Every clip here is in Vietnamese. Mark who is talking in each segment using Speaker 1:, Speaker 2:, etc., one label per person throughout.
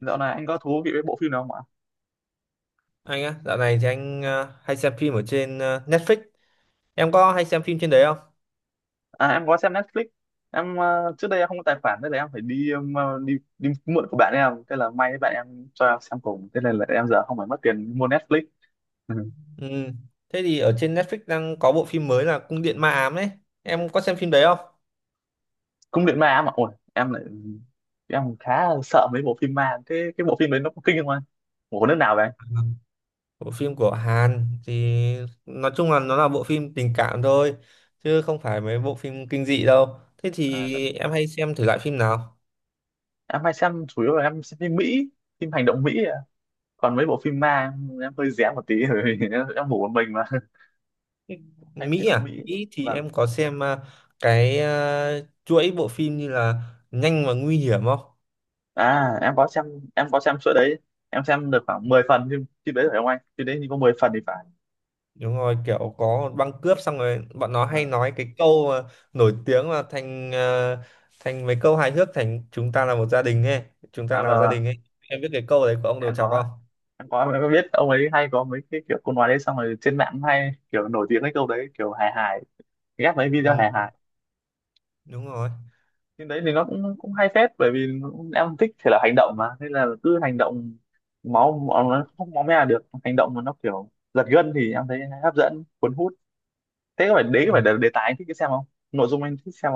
Speaker 1: Dạo này anh có thú vị với bộ phim nào không ạ?
Speaker 2: Anh á, dạo này thì anh hay xem phim ở trên Netflix. Em có hay xem phim trên đấy không?
Speaker 1: À em có xem Netflix. Em trước đây em không có tài khoản nên là em phải đi mượn của bạn em, thế là may bạn em cho em xem cùng, thế nên là em giờ không phải mất tiền mua Netflix. Ừ.
Speaker 2: Ừ. Thế thì ở trên Netflix đang có bộ phim mới là Cung điện ma ám đấy. Em có xem phim đấy không?
Speaker 1: Cung điện ma mà ôi, em lại em khá sợ mấy bộ phim ma. Thế cái bộ phim đấy nó có kinh không anh? Bộ nước nào vậy anh?
Speaker 2: Bộ phim của Hàn thì nói chung là nó là bộ phim tình cảm thôi, chứ không phải mấy bộ phim kinh dị đâu. Thế
Speaker 1: À, t-
Speaker 2: thì em hay xem thử lại phim nào?
Speaker 1: em hay xem chủ yếu là em xem phim Mỹ, phim hành động Mỹ ạ. Còn mấy bộ phim ma em hơi rén một tí rồi em ngủ một mình mà. Hay hành
Speaker 2: Mỹ
Speaker 1: động
Speaker 2: à?
Speaker 1: Mỹ.
Speaker 2: Mỹ thì
Speaker 1: Vâng.
Speaker 2: em có xem cái chuỗi bộ phim như là Nhanh và Nguy hiểm không?
Speaker 1: À em có xem, em có xem suốt đấy, em xem được khoảng 10 phần. Phim phim đấy phải không anh? Phim đấy thì có 10 phần thì phải.
Speaker 2: Đúng rồi, kiểu có băng cướp xong rồi bọn nó hay
Speaker 1: À,
Speaker 2: nói cái câu mà nổi tiếng là thành mấy câu hài hước, thành chúng ta là một gia đình ấy, chúng ta
Speaker 1: à
Speaker 2: là
Speaker 1: và
Speaker 2: gia
Speaker 1: và
Speaker 2: đình ấy. Em biết cái câu đấy của ông Đầu
Speaker 1: em
Speaker 2: Chọc
Speaker 1: có
Speaker 2: không?
Speaker 1: em có biết ông ấy hay có mấy cái kiểu câu nói đấy, xong rồi trên mạng hay kiểu nổi tiếng cái câu đấy kiểu hài hài, ghép mấy video
Speaker 2: Ừ,
Speaker 1: hài hài.
Speaker 2: đúng rồi.
Speaker 1: Phim đấy thì nó cũng cũng hay phết, bởi vì em thích thể là hành động mà, nên là cứ hành động, máu máu- nó không máu me là được, hành động mà nó kiểu giật gân thì em thấy hấp dẫn, cuốn hút. Thế có phải đấy có phải
Speaker 2: Ừ.
Speaker 1: là đề tài anh thích cái xem không, nội dung anh thích xem?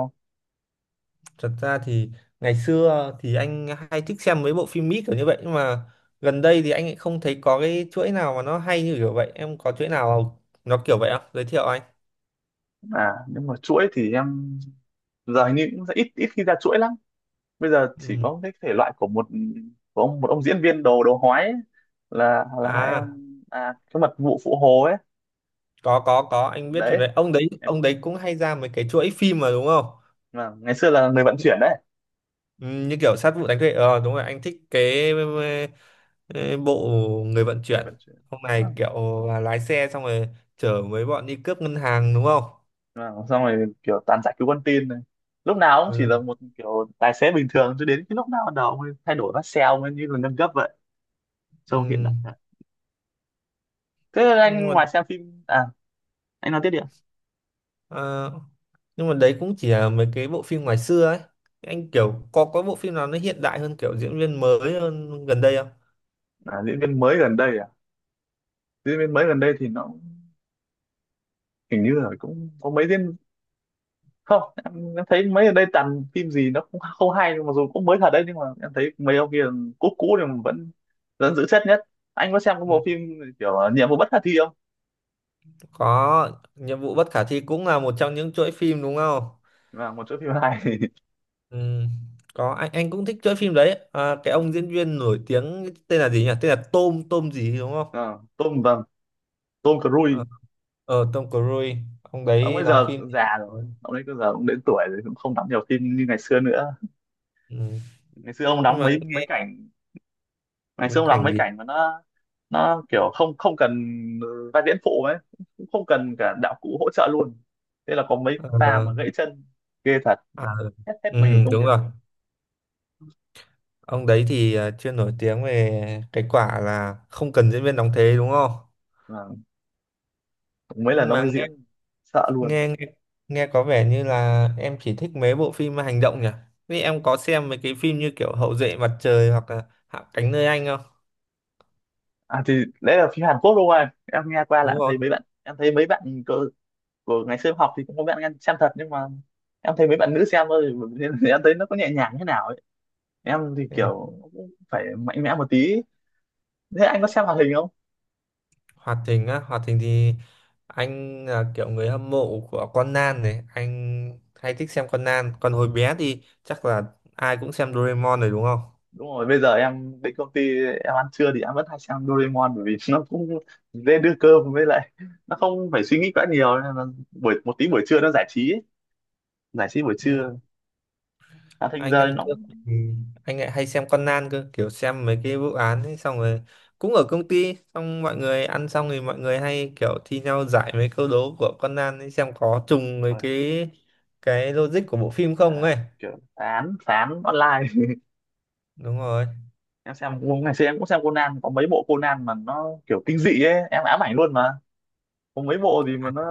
Speaker 2: Thật ra thì ngày xưa thì anh hay thích xem mấy bộ phim Mỹ kiểu như vậy, nhưng mà gần đây thì anh lại không thấy có cái chuỗi nào mà nó hay như kiểu vậy. Em có chuỗi nào nó kiểu vậy không? Giới thiệu anh.
Speaker 1: À nhưng mà chuỗi thì em giờ hình như cũng ít ít khi ra chuỗi lắm. Bây giờ chỉ
Speaker 2: Ừ.
Speaker 1: có cái thể loại của một ông diễn viên đồ đồ hói ấy, là hai em,
Speaker 2: À,
Speaker 1: à cái mật vụ phụ hồ ấy
Speaker 2: có, anh biết phim
Speaker 1: đấy
Speaker 2: đấy. Ông đấy
Speaker 1: em,
Speaker 2: ông đấy cũng hay ra mấy cái chuỗi phim mà đúng không?
Speaker 1: mà ngày xưa là người vận chuyển đấy,
Speaker 2: Ừ, như kiểu sát vụ đánh thuê đúng rồi, anh thích cái ờ, bộ người vận
Speaker 1: người
Speaker 2: chuyển
Speaker 1: vận chuyển.
Speaker 2: hôm nay
Speaker 1: Vâng.
Speaker 2: kiểu là lái xe xong rồi chở mấy bọn đi cướp ngân hàng đúng không?
Speaker 1: Vâng, xong rồi kiểu toàn giải cứu con tin này, lúc nào cũng chỉ là
Speaker 2: Ừ,
Speaker 1: một kiểu tài xế bình thường cho đến cái lúc nào bắt đầu ông thay đổi vắt xeo mới, như là nâng cấp vậy, trông hiện
Speaker 2: ừ.
Speaker 1: đại thật. Thế là
Speaker 2: nhưng
Speaker 1: anh
Speaker 2: mà
Speaker 1: ngoài xem phim à, anh nói tiếp đi ạ.
Speaker 2: ờ, nhưng mà đấy cũng chỉ là mấy cái bộ phim ngoài xưa ấy, anh kiểu có bộ phim nào nó hiện đại hơn, kiểu diễn viên mới hơn gần đây không?
Speaker 1: À, diễn viên mới gần đây, diễn viên mới gần đây thì nó hình như là cũng có mấy diễn, không em, em thấy mấy gần đây toàn phim gì nó cũng không hay, mặc dù cũng mới thật đấy nhưng mà em thấy mấy ông kia cũ cũ thì vẫn vẫn giữ chất nhất. Anh có xem cái
Speaker 2: Ừ.
Speaker 1: bộ phim kiểu là nhiệm vụ bất khả thi không?
Speaker 2: Có, nhiệm vụ bất khả thi cũng là một trong những chuỗi phim đúng không?
Speaker 1: Là một chỗ phim hay.
Speaker 2: Ừ, có, anh cũng thích chơi phim đấy à, cái ông diễn viên nổi tiếng tên là gì nhỉ, tên là Tom Tom gì đúng không?
Speaker 1: Ờ, Tom, vâng, Tom
Speaker 2: ờ
Speaker 1: Cruise.
Speaker 2: Tom Cruise, ông
Speaker 1: Ông
Speaker 2: đấy
Speaker 1: bây
Speaker 2: đóng
Speaker 1: giờ
Speaker 2: phim.
Speaker 1: cũng già rồi, ông ấy bây giờ cũng đến tuổi rồi, cũng không đóng nhiều phim như ngày xưa nữa.
Speaker 2: Ừ.
Speaker 1: Ngày xưa ông
Speaker 2: Nhưng
Speaker 1: đóng
Speaker 2: mà
Speaker 1: mấy mấy
Speaker 2: nghe
Speaker 1: cảnh, ngày
Speaker 2: cái
Speaker 1: xưa ông đóng
Speaker 2: cảnh
Speaker 1: mấy
Speaker 2: gì
Speaker 1: cảnh mà nó kiểu không không cần vai diễn phụ ấy, cũng không cần cả đạo cụ hỗ trợ luôn, thế là có mấy pha mà
Speaker 2: ờ,
Speaker 1: gãy chân, ghê thật,
Speaker 2: à,
Speaker 1: hết hết
Speaker 2: ừ,
Speaker 1: mình công
Speaker 2: đúng
Speaker 1: việc
Speaker 2: rồi,
Speaker 1: luôn.
Speaker 2: ông đấy thì chuyên nổi tiếng về cái quả là không cần diễn viên đóng thế đúng không?
Speaker 1: À, mấy lần
Speaker 2: Nhưng
Speaker 1: ông
Speaker 2: mà
Speaker 1: ấy diễn sợ luôn.
Speaker 2: nghe nghe, nghe có vẻ như là em chỉ thích mấy bộ phim hành động nhỉ, vì em có xem mấy cái phim như kiểu Hậu duệ mặt trời hoặc là Hạ cánh nơi anh không?
Speaker 1: À thì đấy là phim Hàn Quốc đúng không em? Em nghe qua là
Speaker 2: Đúng
Speaker 1: em
Speaker 2: rồi.
Speaker 1: thấy mấy bạn, em thấy mấy bạn của, của ngày xưa em học thì cũng có bạn em xem thật, nhưng mà em thấy mấy bạn nữ xem thôi nên em thấy nó có nhẹ nhàng thế nào ấy. Em thì
Speaker 2: Thế à?
Speaker 1: kiểu cũng phải mạnh mẽ một tí. Thế anh có xem hoạt hình không?
Speaker 2: Hoạt Thình á, Hoạt Thình thì anh là kiểu người hâm mộ của Conan này, anh hay thích xem Conan. Còn hồi bé thì chắc là ai cũng xem Doraemon rồi đúng không?
Speaker 1: Đúng rồi, bây giờ em đến công ty em ăn trưa thì em vẫn hay xem Doraemon, bởi vì nó cũng dễ đưa cơm, với lại nó không phải suy nghĩ quá nhiều, nên là buổi một tí buổi trưa nó giải trí ấy, giải trí buổi
Speaker 2: Ừ,
Speaker 1: trưa, đã thành
Speaker 2: anh
Speaker 1: giờ
Speaker 2: ăn
Speaker 1: nó
Speaker 2: cơm
Speaker 1: cũng-
Speaker 2: thì anh lại hay xem Conan cơ, kiểu xem mấy cái vụ án ấy, xong rồi cũng ở công ty, xong mọi người ăn xong thì mọi người hay kiểu thi nhau giải mấy câu đố của Conan ấy, xem có trùng với cái logic của bộ phim không
Speaker 1: à,
Speaker 2: ấy.
Speaker 1: kiểu phán phán online.
Speaker 2: Đúng rồi.
Speaker 1: Em xem ngày xưa em cũng xem Conan, có mấy bộ Conan mà nó kiểu kinh dị ấy, em ám ảnh luôn mà, có mấy bộ gì mà nó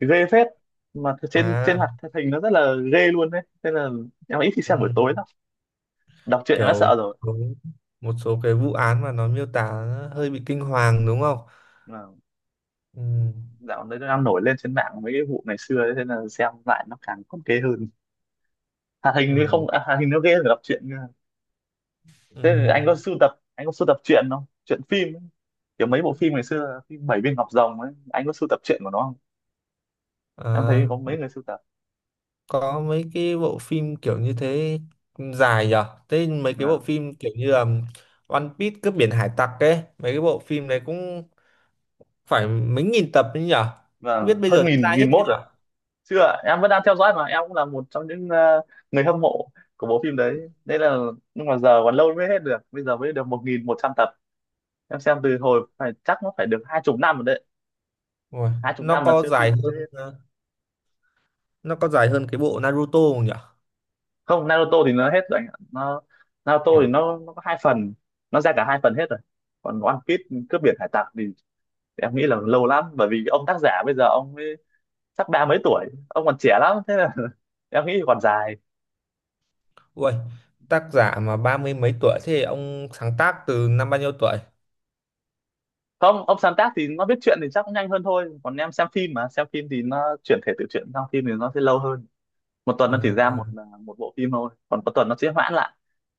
Speaker 1: ghê phết, mà trên trên
Speaker 2: À.
Speaker 1: hoạt hình nó rất là ghê luôn đấy, nên là em ít khi xem buổi
Speaker 2: Ừ.
Speaker 1: tối lắm, đọc truyện em đã sợ
Speaker 2: Kiểu có một số cái vụ án mà nó miêu tả nó hơi bị kinh hoàng đúng không?
Speaker 1: rồi.
Speaker 2: Ừ,
Speaker 1: Dạo đấy nó đang nổi lên trên mạng mấy cái vụ ngày xưa ấy, thế là xem lại nó càng còn ghê hơn. Hoạt hình thì
Speaker 2: ừ,
Speaker 1: không à, hoạt hình nó ghê hơn cả đọc truyện cơ.
Speaker 2: ừ.
Speaker 1: Thế thì anh có sưu tập, anh có sưu tập truyện không, truyện phim ấy, kiểu mấy bộ phim ngày xưa phim Bảy Viên Ngọc Rồng ấy, anh có sưu tập truyện của nó không? Em thấy
Speaker 2: À,
Speaker 1: có mấy người sưu tập.
Speaker 2: có mấy cái bộ phim kiểu như thế dài nhở? Thế mấy cái bộ
Speaker 1: À,
Speaker 2: phim kiểu như là One Piece cướp biển hải tặc ấy, mấy cái bộ phim đấy cũng phải mấy nghìn tập đấy nhở? Không biết
Speaker 1: vâng,
Speaker 2: bây
Speaker 1: hơn
Speaker 2: giờ đã
Speaker 1: nghìn,
Speaker 2: ra hết
Speaker 1: nghìn
Speaker 2: chưa
Speaker 1: mốt rồi.
Speaker 2: nhở?
Speaker 1: Chưa, em vẫn đang theo dõi, mà em cũng là một trong những người hâm mộ của bộ phim đấy, nên là, nhưng mà giờ còn lâu mới hết được, bây giờ mới được một nghìn một trăm tập. Em xem từ hồi phải chắc nó phải được hai chục năm rồi đấy,
Speaker 2: Ui,
Speaker 1: hai chục
Speaker 2: nó
Speaker 1: năm mà
Speaker 2: có
Speaker 1: chưa
Speaker 2: dài
Speaker 1: phim chứ.
Speaker 2: hơn ờ, nó có dài hơn cái bộ Naruto không nhở?
Speaker 1: Không, Naruto thì nó hết rồi anh ạ, nó, Naruto thì
Speaker 2: À,
Speaker 1: nó có hai phần, nó ra cả hai phần hết rồi. Còn One Piece, cướp biển hải tặc thì em nghĩ là lâu lắm, bởi vì ông tác giả bây giờ ông ấy sắp ba mấy tuổi, ông còn trẻ lắm, thế là em nghĩ còn dài.
Speaker 2: ui, tác giả mà ba mươi mấy tuổi, thế ông sáng tác từ năm bao nhiêu tuổi?
Speaker 1: Không, ông sáng tác thì nó viết truyện thì chắc cũng nhanh hơn thôi, còn em xem phim, mà xem phim thì nó chuyển thể từ truyện sang phim thì nó sẽ lâu hơn. Một tuần nó chỉ ra
Speaker 2: À,
Speaker 1: một à, một bộ phim thôi, còn có tuần nó sẽ hoãn lại,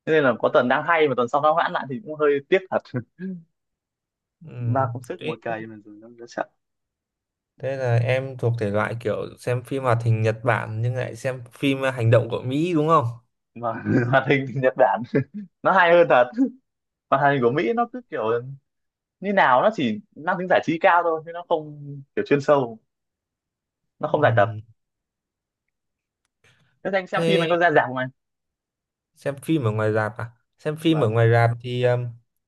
Speaker 1: thế nên là có tuần đang hay mà tuần sau nó hoãn lại thì cũng hơi tiếc thật. Ba
Speaker 2: ừm.
Speaker 1: công sức
Speaker 2: Thế
Speaker 1: ngồi cày mà rồi nó sẽ,
Speaker 2: thế là em thuộc thể loại kiểu xem phim hoạt hình Nhật Bản nhưng lại xem phim hành động của Mỹ đúng không?
Speaker 1: mà hoạt hình Nhật Bản nó hay hơn thật. Hoạt hình của Mỹ nó cứ kiểu như nào nó chỉ mang tính giải trí cao thôi, chứ nó không kiểu chuyên sâu, nó không giải tập.
Speaker 2: Ừm.
Speaker 1: Thế anh xem phim
Speaker 2: Thế
Speaker 1: anh có ra rạp không anh?
Speaker 2: xem phim ở ngoài rạp à? Xem phim
Speaker 1: Vâng.
Speaker 2: ở ngoài rạp thì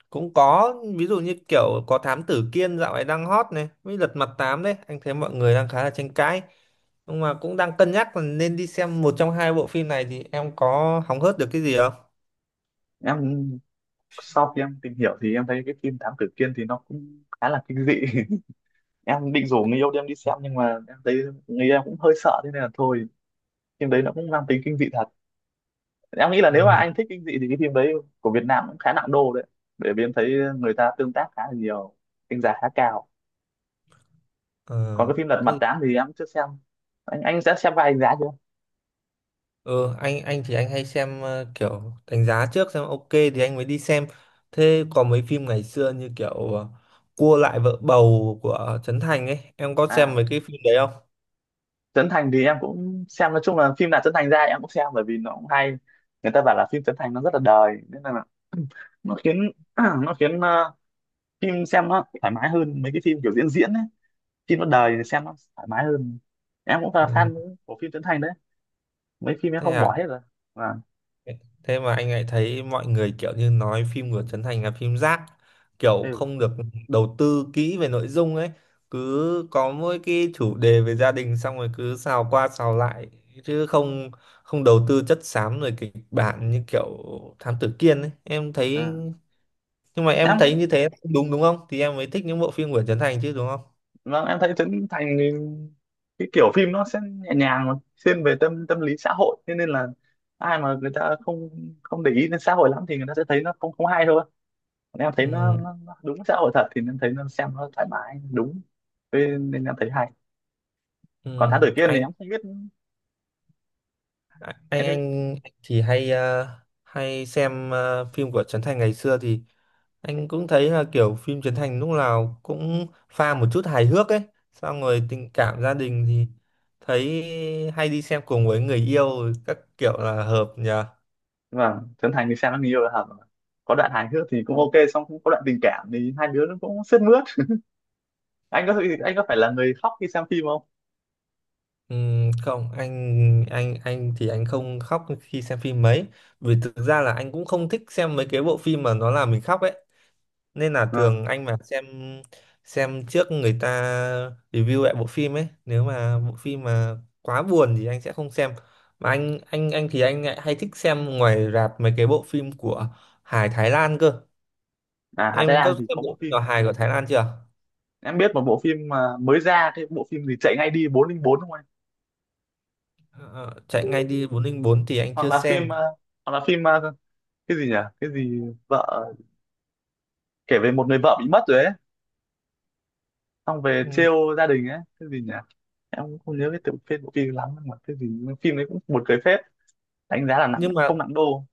Speaker 2: cũng có, ví dụ như kiểu có Thám Tử Kiên dạo này đang hot này, với Lật Mặt Tám đấy, anh thấy mọi người đang khá là tranh cãi. Nhưng mà cũng đang cân nhắc là nên đi xem một trong hai bộ phim này, thì em có hóng hớt được cái gì không?
Speaker 1: Em sau khi em tìm hiểu thì em thấy cái phim Thám Tử Kiên thì nó cũng khá là kinh dị, em định rủ người yêu đi, em đi xem nhưng mà em thấy người yêu em cũng hơi sợ, thế nên là thôi. Phim đấy nó cũng mang tính kinh dị thật, em nghĩ là nếu mà
Speaker 2: Ừ.
Speaker 1: anh thích kinh dị thì cái phim đấy của Việt Nam cũng khá nặng đô đấy, bởi vì em thấy người ta tương tác khá là nhiều, đánh giá khá cao. Còn cái phim Lật
Speaker 2: Ờ.
Speaker 1: Mặt Tám thì em chưa xem. Anh đã xem vai anh giá chưa?
Speaker 2: ờ anh thì anh hay xem kiểu đánh giá trước, xem ok thì anh mới đi xem. Thế có mấy phim ngày xưa như kiểu ờ, Cua lại vợ bầu của Trấn Thành ấy, em có xem
Speaker 1: À,
Speaker 2: mấy cái phim đấy không?
Speaker 1: Trấn Thành thì em cũng xem, nói chung là phim nào Trấn Thành ra em cũng xem, bởi vì nó cũng hay, người ta bảo là phim Trấn Thành nó rất là đời, nên là nó khiến nó khiến phim xem nó thoải mái hơn mấy cái phim kiểu diễn diễn ấy. Phim nó đời thì xem nó thoải mái hơn. Em cũng là
Speaker 2: Ừ,
Speaker 1: fan của phim Trấn Thành đấy, mấy phim em
Speaker 2: thế
Speaker 1: không bỏ
Speaker 2: à?
Speaker 1: hết rồi. À,
Speaker 2: Thế mà anh lại thấy mọi người kiểu như nói phim của Trấn Thành là phim rác, kiểu
Speaker 1: ừ.
Speaker 2: không được đầu tư kỹ về nội dung ấy, cứ có mỗi cái chủ đề về gia đình xong rồi cứ xào qua xào lại, chứ không không đầu tư chất xám rồi kịch bản như kiểu Thám Tử Kiên ấy, em thấy
Speaker 1: À.
Speaker 2: nhưng mà em
Speaker 1: Em
Speaker 2: thấy như
Speaker 1: cũng,
Speaker 2: thế đúng đúng không thì em mới thích những bộ phim của Trấn Thành chứ đúng không?
Speaker 1: vâng em thấy Trấn Thành thì cái kiểu phim nó sẽ nhẹ nhàng mà, thiên về tâm tâm lý xã hội, thế nên là ai mà người ta không không để ý đến xã hội lắm thì người ta sẽ thấy nó không không hay thôi. Còn em thấy
Speaker 2: Ừ,
Speaker 1: nó đúng xã hội thật thì em thấy nó xem nó thoải mái đúng. Thế nên em thấy hay. Còn
Speaker 2: ừ.
Speaker 1: Thám Tử Kiên thì
Speaker 2: anh
Speaker 1: em không biết.
Speaker 2: anh
Speaker 1: Em thấy
Speaker 2: anh thì hay xem phim của Trấn Thành ngày xưa thì anh cũng thấy là kiểu phim Trấn Thành lúc nào cũng pha một chút hài hước ấy, xong rồi tình cảm gia đình thì thấy hay đi xem cùng với người yêu, các kiểu là hợp nhờ.
Speaker 1: vâng, Trấn Thành thì xem nó nhiều là hợp, có đoạn hài hước thì cũng ok, xong cũng có đoạn tình cảm thì hai đứa nó cũng sướt mướt. Anh có, phải là người khóc khi xem phim không?
Speaker 2: Không, anh thì anh không khóc khi xem phim mấy, vì thực ra là anh cũng không thích xem mấy cái bộ phim mà nó làm mình khóc ấy. Nên là thường
Speaker 1: Vâng.
Speaker 2: anh mà xem trước người ta review lại bộ phim ấy, nếu mà bộ phim mà quá buồn thì anh sẽ không xem. Mà anh thì anh lại hay thích xem ngoài rạp mấy cái bộ phim của hài Thái Lan cơ.
Speaker 1: À Hà Thái
Speaker 2: Em
Speaker 1: Lan
Speaker 2: có
Speaker 1: thì
Speaker 2: xem
Speaker 1: có
Speaker 2: bộ
Speaker 1: bộ
Speaker 2: phim nào
Speaker 1: phim,
Speaker 2: hài của Thái Lan chưa?
Speaker 1: em biết một bộ phim mà mới ra, cái bộ phim gì chạy ngay đi 404 không anh?
Speaker 2: Ờ, Chạy ngay đi 404 thì anh
Speaker 1: Hoặc
Speaker 2: chưa
Speaker 1: là phim
Speaker 2: xem.
Speaker 1: hoặc là phim cái gì nhỉ, cái gì, vợ, kể về một người vợ bị mất rồi ấy, xong về
Speaker 2: Ừ,
Speaker 1: trêu gia đình ấy, cái gì nhỉ. Em cũng không nhớ cái tựa phim bộ phim lắm, nhưng mà cái gì phim đấy cũng buồn cười phết, đánh giá là nặng
Speaker 2: nhưng mà
Speaker 1: không nặng đô.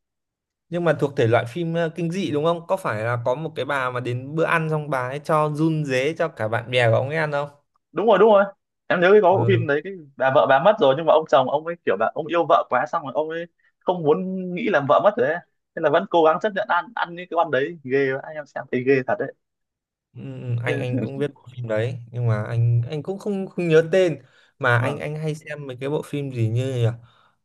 Speaker 2: nhưng mà thuộc thể loại phim kinh dị đúng không, có phải là có một cái bà mà đến bữa ăn xong bà ấy cho run rế cho cả bạn bè của ông ấy ăn không?
Speaker 1: Đúng rồi, em nhớ cái có bộ phim
Speaker 2: Ừ.
Speaker 1: đấy, cái bà vợ bà mất rồi, nhưng mà ông chồng ông ấy kiểu là ông yêu vợ quá, xong rồi ông ấy không muốn nghĩ là vợ mất rồi ấy, nên là vẫn cố gắng chấp nhận ăn, những cái con đấy ghê vậy. Em xem thấy ghê thật
Speaker 2: Ừ, ừ, anh
Speaker 1: đấy.
Speaker 2: anh cũng biết bộ phim đấy nhưng mà anh cũng không không nhớ tên, mà anh anh hay xem mấy cái bộ phim gì như nhỉ?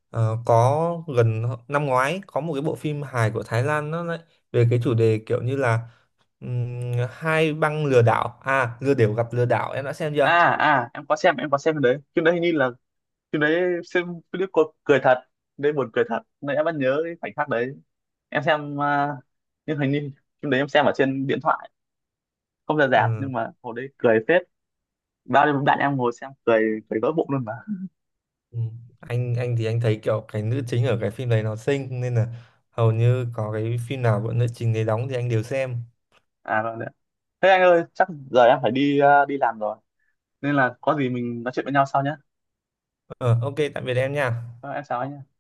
Speaker 2: Ờ, có gần năm ngoái có một cái bộ phim hài của Thái Lan, nó lại về cái chủ đề kiểu như là ừm, hai băng lừa đảo, à, lừa đảo gặp lừa đảo, em đã xem
Speaker 1: À,
Speaker 2: chưa?
Speaker 1: à em có xem, em có xem cái đấy, phim đấy hình như là, phim đấy xem clip cô cười thật đấy, buồn cười thật nên em vẫn nhớ cái khoảnh khắc đấy. Em xem nhưng hình như phim đấy em xem ở trên điện thoại, không ra rạp, nhưng
Speaker 2: Ừ,
Speaker 1: mà hồi đấy cười phết, bao nhiêu bạn em ngồi xem cười cười vỡ bụng luôn mà.
Speaker 2: ừ. Anh thì anh thấy kiểu cái nữ chính ở cái phim đấy nó xinh, nên là hầu như có cái phim nào của nữ chính đấy đóng thì anh đều xem.
Speaker 1: À rồi đấy, thế anh ơi chắc giờ em phải đi đi làm rồi, nên là có gì mình nói chuyện với nhau sau nhé.
Speaker 2: Ờ, OK, tạm biệt em nha.
Speaker 1: Ờ, em chào anh nhé.